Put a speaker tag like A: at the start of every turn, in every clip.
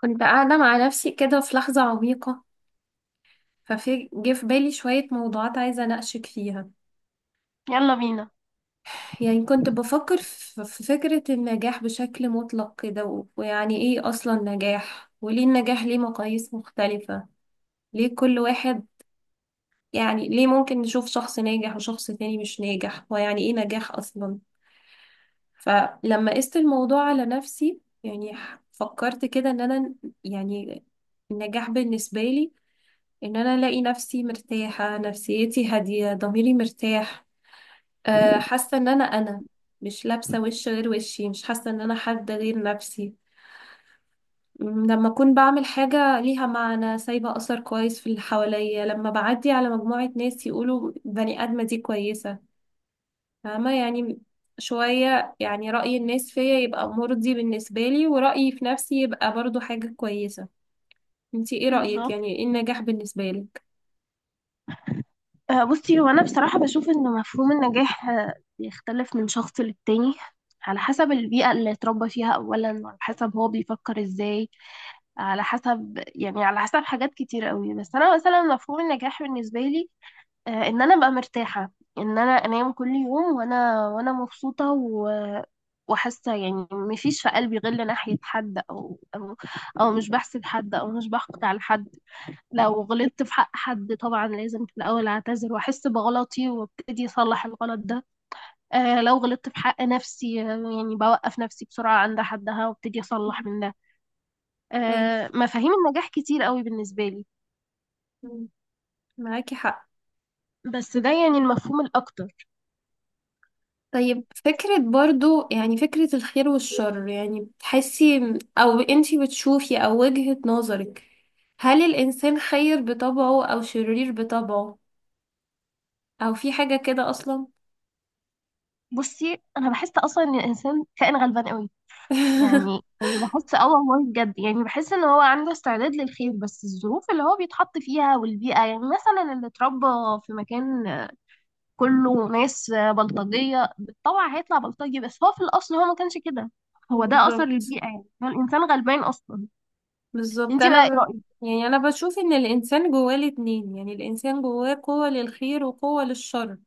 A: كنت قاعدة مع نفسي كده في لحظة عميقة. ففي جه في بالي شوية موضوعات عايزة أناقشك فيها.
B: يلا بينا.
A: يعني كنت بفكر في فكرة النجاح بشكل مطلق كده ويعني إيه أصلا نجاح، وليه النجاح ليه مقاييس مختلفة؟ ليه كل واحد، يعني ليه ممكن نشوف شخص ناجح وشخص تاني مش ناجح، ويعني إيه نجاح أصلا؟ فلما قست الموضوع على نفسي، يعني فكرت كده إن أنا، يعني النجاح بالنسبة لي، ان انا الاقي نفسي مرتاحة، نفسيتي هادية، ضميري مرتاح. حاسة ان انا مش لابسة وش غير وشي، مش حاسة ان انا حد غير نفسي. لما اكون بعمل حاجة ليها معنى، سايبة اثر كويس في اللي حواليا، لما بعدي على مجموعة ناس يقولوا بني ادمة دي كويسة. فاهمة يعني؟ شوية يعني رأي الناس فيا يبقى مرضي بالنسبة لي، ورأيي في نفسي يبقى برضو حاجة كويسة. انتي ايه رأيك،
B: بالظبط.
A: يعني ايه النجاح بالنسبة لك؟
B: بصي هو انا بصراحه بشوف ان مفهوم النجاح بيختلف من شخص للتاني. على حسب البيئه اللي اتربى فيها اولا، على حسب هو بيفكر ازاي، على حسب حاجات كتير قوي. بس انا مثلا مفهوم النجاح بالنسبه لي، ان انا ابقى مرتاحه. ان انا انام كل يوم، وانا مبسوطه وحاسه، يعني مفيش في قلبي غل ناحيه حد او أو مش بحسد حد، او مش بحقد على حد. لو غلطت في حق حد، طبعا لازم في الأول أعتذر وأحس بغلطي وأبتدي أصلح الغلط ده. لو غلطت في حق نفسي، يعني بوقف نفسي بسرعة عند حدها وأبتدي أصلح من ده.
A: اي،
B: مفاهيم النجاح كتير قوي بالنسبة لي.
A: معاكي حق.
B: بس ده يعني المفهوم الأكتر.
A: طيب، فكرة برضو يعني فكرة الخير والشر، يعني بتحسي أو أنتي بتشوفي أو وجهة نظرك، هل الإنسان خير بطبعه أو شرير بطبعه، أو في حاجة كده أصلا؟
B: بصي أنا بحس أصلا إن الإنسان كائن غلبان قوي. يعني، يعني بحس، اه والله بجد، يعني بحس ان هو عنده استعداد للخير، بس الظروف اللي هو بيتحط فيها والبيئة، يعني مثلا اللي اتربى في مكان كله ناس بلطجية بالطبع هيطلع بلطجي، بس هو في الأصل هو ما كانش كده. هو ده أثر
A: بالظبط.
B: البيئة، يعني هو الإنسان غلبان أصلا.
A: بالظبط.
B: انتي بقى ايه رأيك؟
A: يعني أنا بشوف إن الإنسان جواه الاتنين، يعني الإنسان جواه قوة للخير وقوة للشر.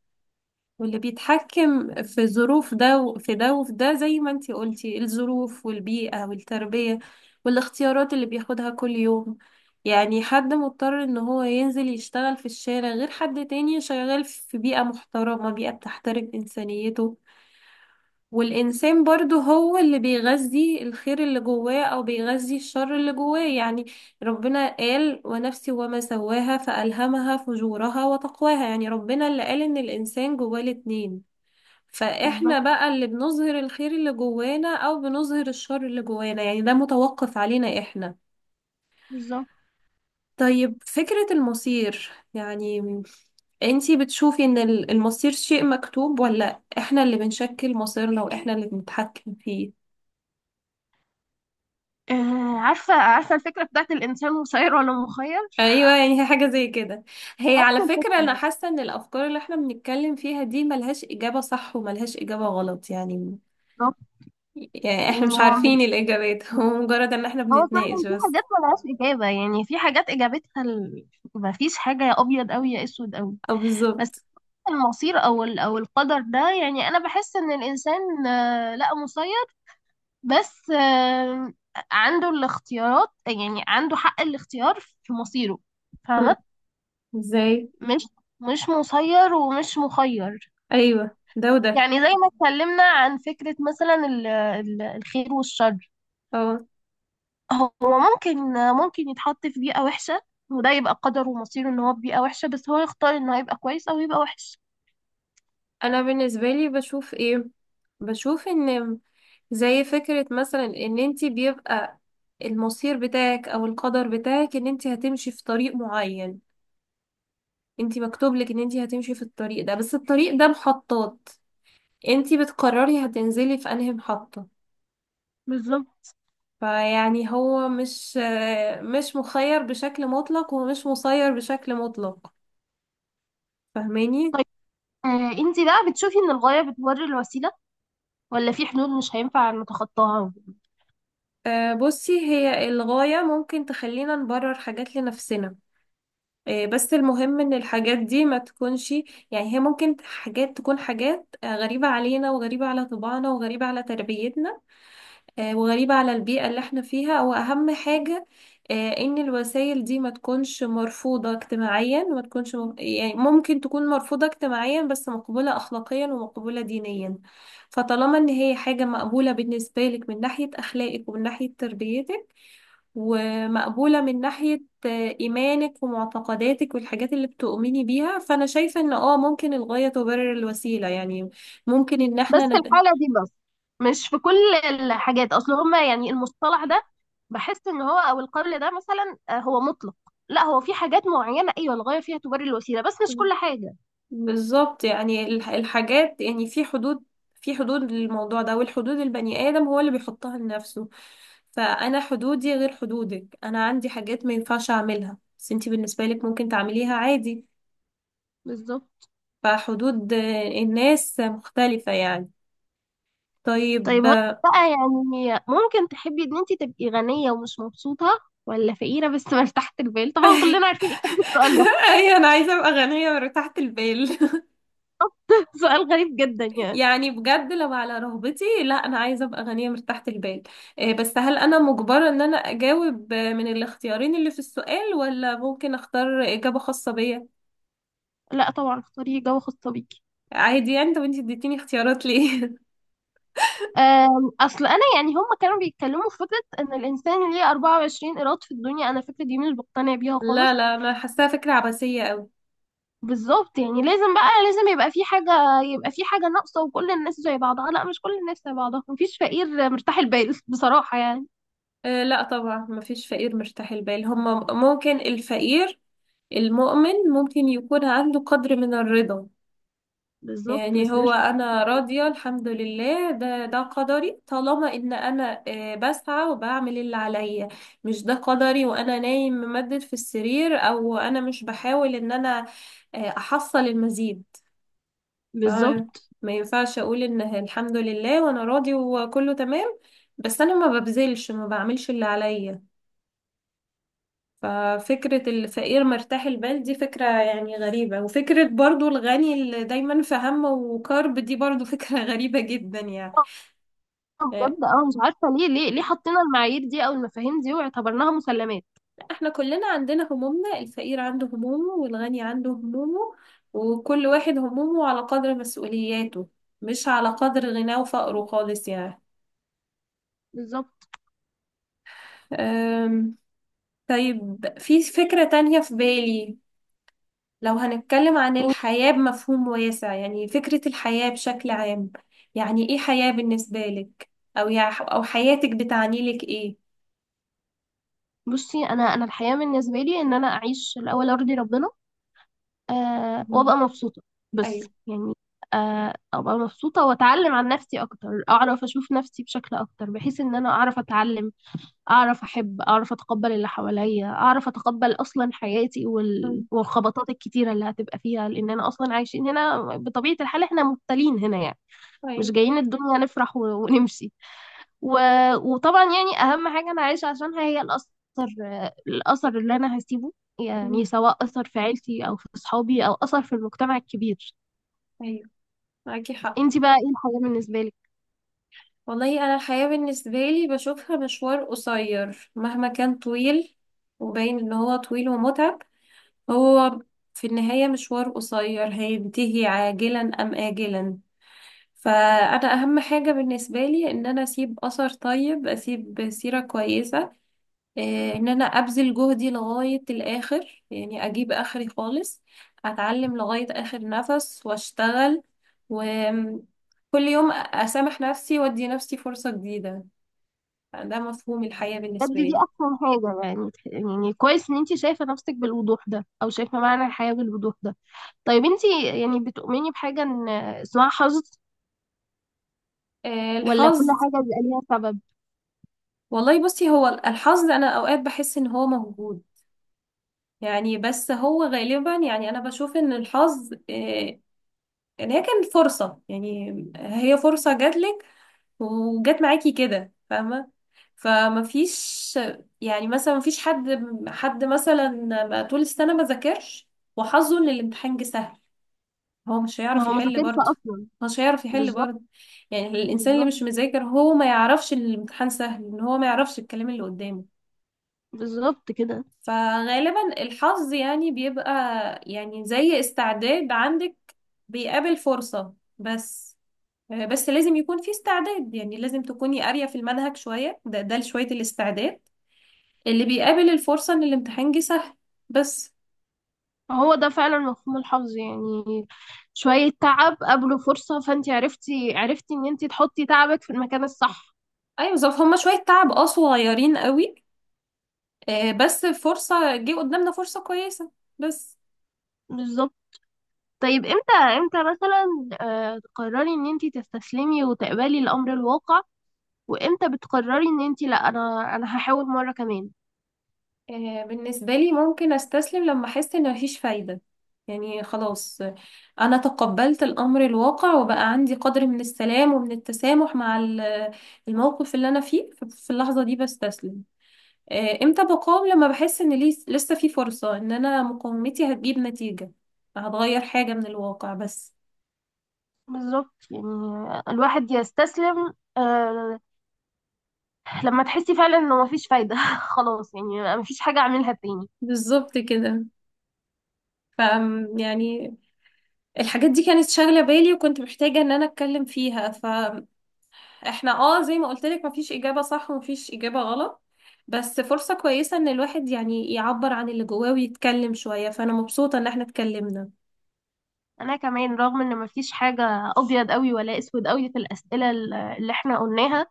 A: واللي بيتحكم في ظروف ده وفي ده وفي ده، زي ما انتي قلتي، الظروف والبيئة والتربية، والاختيارات اللي بياخدها كل يوم. يعني حد مضطر ان هو ينزل يشتغل في الشارع غير حد تاني شغال في بيئة محترمة، بيئة بتحترم إنسانيته. والإنسان برضو هو اللي بيغذي الخير اللي جواه أو بيغذي الشر اللي جواه، يعني ربنا قال: ونفسي وما سواها فألهمها فجورها وتقواها، يعني ربنا اللي قال إن الإنسان جواه الاتنين. فاحنا
B: بالظبط،
A: بقى اللي بنظهر الخير اللي جوانا او بنظهر الشر اللي جوانا، يعني ده متوقف علينا احنا.
B: بالظبط.
A: طيب، فكرة المصير، يعني انتي بتشوفي ان المصير شيء مكتوب، ولا احنا اللي بنشكل مصيرنا واحنا اللي بنتحكم فيه؟
B: عارفة الفكرة بتاعت الإنسان مسير ولا مخير؟
A: ايوه، يعني هي حاجة زي كده. هي
B: نفس
A: على فكرة انا
B: الفكرة.
A: حاسة ان الافكار اللي احنا بنتكلم فيها دي ملهاش اجابة صح وملهاش اجابة غلط يعني.
B: بالظبط.
A: يعني
B: يعني
A: احنا مش
B: هو من
A: عارفين الاجابات. هو مجرد ان احنا
B: هو فعلا
A: بنتناقش
B: في
A: بس.
B: حاجات ملهاش إجابة، يعني في حاجات إجابتها. مفيش حاجة يا أبيض أوي يا أسود أوي.
A: او
B: بس
A: بالظبط.
B: المصير أو القدر ده، يعني أنا بحس إن الإنسان لا مسير، بس عنده الاختيارات، يعني عنده حق الاختيار في مصيره. فاهمة؟
A: ازاي؟
B: مش مش مسير ومش مخير.
A: ايوه، ده وده.
B: يعني زي ما اتكلمنا عن فكرة مثلا الخير والشر.
A: اه
B: هو ممكن يتحط في بيئة وحشة، وده يبقى قدره ومصيره ان هو في بيئة وحشة، بس هو يختار ان هو يبقى كويس او يبقى وحش.
A: انا بالنسبه لي بشوف ايه، بشوف ان، زي فكره مثلا ان انتي بيبقى المصير بتاعك او القدر بتاعك ان انتي هتمشي في طريق معين، انتي مكتوب لك ان انتي هتمشي في الطريق ده، بس الطريق ده محطات، انتي بتقرري هتنزلي في انهي محطه.
B: بالظبط.
A: فيعني هو مش مخير بشكل مطلق ومش مسير بشكل مطلق، فاهماني؟
B: طيب، انتي بقى بتشوفي ان الغاية بتبرر الوسيلة، ولا في حدود مش هينفع نتخطاها؟
A: آه، بصي، هي الغاية ممكن تخلينا نبرر حاجات لنفسنا. آه، بس المهم ان الحاجات دي ما تكونش، يعني هي ممكن حاجات تكون حاجات آه، غريبة علينا وغريبة على طباعنا وغريبة على تربيتنا، آه، وغريبة على البيئة اللي احنا فيها، واهم حاجة، آه، ان الوسائل دي ما تكونش مرفوضة اجتماعيا، وما تكونش يعني ممكن تكون مرفوضة اجتماعيا بس مقبولة اخلاقيا ومقبولة دينيا. فطالما ان هي حاجة مقبولة بالنسبة لك من ناحية اخلاقك ومن ناحية تربيتك، ومقبولة من ناحية إيمانك ومعتقداتك والحاجات اللي بتؤمني بيها، فأنا شايفة إن ممكن الغاية تبرر الوسيلة يعني. ممكن إن
B: بس
A: إحنا
B: في الحالة دي بس، مش في كل الحاجات. اصل هما يعني المصطلح ده، بحس ان هو او القول ده مثلا، هو مطلق. لا، هو في حاجات معينة ايوه الغاية فيها تبرر الوسيلة، بس مش كل حاجة.
A: بالظبط، يعني الحاجات، يعني في حدود، للموضوع ده، والحدود البني آدم هو اللي بيحطها لنفسه. فأنا حدودي غير حدودك، أنا عندي حاجات ما ينفعش أعملها بس أنتي بالنسبة لك ممكن تعمليها عادي.
B: بالظبط.
A: فحدود الناس مختلفة يعني.
B: طيب
A: طيب.
B: هو بقى، يعني ممكن تحبي ان انت تبقي غنية ومش مبسوطة، ولا فقيرة بس مرتاحة البال؟ طبعا كلنا عارفين اجابة السؤال ده.
A: ايوه، انا عايزه ابقى غنيه مرتاحه البال.
B: سؤال غريب جدا يعني.
A: يعني بجد، لو على رغبتي، لا، انا عايزه ابقى غنيه مرتاحه البال. إيه، بس هل انا مجبره ان انا اجاوب من الاختيارين اللي في السؤال، ولا ممكن اختار اجابه خاصه بيا؟
B: لا، طبعا اختاري جوه خاصة بيكي.
A: عادي يعني، طب انتي اديتيني اختيارات ليه؟
B: اصل انا يعني هم كانوا بيتكلموا في فكره ان الانسان ليه 24 ايراد في الدنيا. انا الفكره دي مش بقتنع بيها
A: لا،
B: خالص.
A: لا، انا حاساها فكره عبثيه قوي.
B: بالظبط، يعني لازم يبقى في حاجه ناقصه، وكل الناس زي بعضها. لا، مش كل الناس زي بعضها، مفيش فقير مرتاح البال بصراحه يعني.
A: إيه، لا طبعا، مفيش فقير مرتاح البال، هما ممكن الفقير المؤمن ممكن يكون عنده قدر من الرضا.
B: بالظبط،
A: يعني
B: بس
A: هو
B: مش.
A: أنا راضية الحمد لله، ده قدري طالما إن أنا بسعى وبعمل اللي عليا. مش ده قدري وأنا نايم ممدد في السرير، أو أنا مش بحاول إن أنا أحصل المزيد. ف-
B: بالظبط.
A: ما ينفعش أقول إن الحمد لله وأنا راضي وكله تمام، بس أنا ما ببذلش، ما بعملش اللي عليا. ففكرة الفقير مرتاح البال دي فكرة يعني غريبة، وفكرة برضو الغني اللي دايما في هم وكرب دي برضو فكرة غريبة جدا يعني.
B: آه،
A: آه،
B: بجد، مش عارفه ليه حطينا المعايير دي او المفاهيم دي واعتبرناها مسلمات.
A: احنا كلنا عندنا همومنا، الفقير عنده همومه والغني عنده همومه، وكل واحد همومه على قدر مسؤولياته، مش على قدر غناه وفقره خالص يعني.
B: بالظبط.
A: أم، طيب، في فكرة تانية في بالي، لو هنتكلم عن الحياة بمفهوم واسع، يعني فكرة الحياة بشكل عام، يعني ايه حياة بالنسبة لك، او او حياتك بتعني لك ايه؟
B: بصي انا الحياه بالنسبه لي ان انا اعيش، الاول ارضي ربنا،
A: مم.
B: وابقى مبسوطة. بس
A: ايوه.
B: يعني، ابقى مبسوطة واتعلم عن نفسي اكتر، اعرف اشوف نفسي بشكل اكتر، بحيث ان انا اعرف اتعلم، اعرف احب، اعرف اتقبل اللي حواليا، اعرف اتقبل اصلا حياتي
A: مم.
B: والخبطات الكتيرة اللي هتبقى فيها، لان انا اصلا عايشين هنا بطبيعة الحال، احنا مبتلين هنا يعني. مش
A: ايوه.
B: جايين الدنيا نفرح ونمشي و... وطبعا يعني اهم حاجه انا عايشه عشانها هي الاثر، الاثر اللي انا هسيبه. يعني
A: مم.
B: سواء اثر في عيلتي او في اصحابي او اثر في المجتمع الكبير.
A: ايوه، معاكي حق.
B: انت بقى ايه الحاجه بالنسبه لك؟
A: والله انا الحياة بالنسبة لي بشوفها مشوار قصير مهما كان طويل، وباين ان هو طويل ومتعب، هو في النهاية مشوار قصير هينتهي عاجلا ام آجلا. فأنا أهم حاجة بالنسبة لي إن أنا أسيب أثر طيب، أسيب سيرة كويسة، آه، إن أنا أبذل جهدي لغاية الآخر، يعني أجيب آخري خالص، أتعلم لغاية آخر نفس وأشتغل، وكل يوم أسامح نفسي وأدي نفسي فرصة جديدة. ده مفهوم الحياة
B: بجد
A: بالنسبة
B: دي
A: لي.
B: احسن حاجه، يعني كويس ان انت شايفه نفسك بالوضوح ده، او شايفه معنى الحياه بالوضوح ده. طيب انت، يعني بتؤمني بحاجه ان اسمها حظ،
A: آه،
B: ولا كل
A: الحظ.
B: حاجه بيبقى ليها سبب؟
A: والله بصي، هو الحظ أنا أوقات بحس إن هو موجود يعني، بس هو غالبا يعني أنا بشوف إن الحظ يعني هي كانت فرصة، يعني هي فرصة جاتلك وجات معاكي كده، فاهمة؟ فما فيش، يعني مثلا ما فيش حد مثلا ما طول السنة ما ذاكرش، وحظه ان الامتحان جه سهل، هو مش
B: ما
A: هيعرف
B: هو ما
A: يحل
B: ذاكرش
A: برضه.
B: اصلا.
A: مش هيعرف يحل
B: بالظبط،
A: برضه. يعني الانسان اللي
B: بالظبط،
A: مش مذاكر هو ما يعرفش ان الامتحان سهل، ان هو ما يعرفش الكلام اللي قدامه.
B: بالظبط كده.
A: فغالبا الحظ يعني بيبقى، يعني زي استعداد عندك بيقابل فرصة، بس آه، بس لازم يكون في استعداد، يعني لازم تكوني قارية في المنهج شوية، ده شوية الاستعداد اللي بيقابل الفرصة ان الامتحان جه سهل، بس.
B: هو ده فعلا مفهوم الحظ يعني، شوية تعب قبله فرصة، فانت عرفتي ان انت تحطي تعبك في المكان الصح.
A: ايوه، ظرف، هما شوية تعب صغيرين قوي، آه، بس فرصة جه قدامنا، فرصة كويسة، بس.
B: بالظبط. طيب، امتى مثلا، تقرري ان انت تستسلمي وتقبلي الامر الواقع، وامتى بتقرري ان انت لا، انا هحاول مرة كمان؟
A: آه، بالنسبة لي ممكن استسلم لما احس ان مفيش فايدة. يعني خلاص، انا تقبلت الامر الواقع وبقى عندي قدر من السلام ومن التسامح مع الموقف اللي انا فيه، في اللحظة دي بستسلم. آه، امتى بقاوم؟ لما بحس ان لسه في فرصة ان انا مقاومتي هتجيب نتيجة، هتغير حاجة من الواقع، بس.
B: بالظبط، يعني الواحد يستسلم، لما تحسي فعلا انه مفيش فايدة خلاص يعني مفيش حاجة اعملها تاني.
A: بالظبط كده. ف يعني الحاجات دي كانت شاغلة بالي وكنت محتاجة ان انا اتكلم فيها، فاحنا اه زي ما قلت لك، مفيش اجابة صح ومفيش اجابة غلط، بس فرصة كويسة ان الواحد يعني يعبر عن اللي جواه ويتكلم شوية، فانا مبسوطة ان احنا اتكلمنا.
B: انا كمان رغم ان مفيش حاجه ابيض قوي ولا اسود قوي في الاسئله اللي احنا قلناها،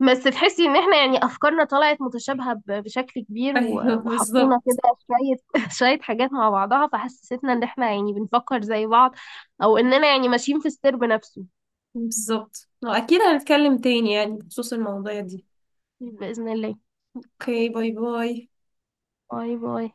B: بس تحسي ان احنا يعني افكارنا طلعت متشابهه بشكل كبير،
A: ايوه،
B: وحطينا
A: بالظبط.
B: كده شويه شويه حاجات مع بعضها، فحسستنا ان احنا يعني بنفكر زي بعض، او اننا يعني ماشيين في السرب نفسه.
A: بالظبط، واكيد هنتكلم تاني، يعني بخصوص المواضيع دي.
B: باذن الله.
A: اوكي، باي باي.
B: باي، باي.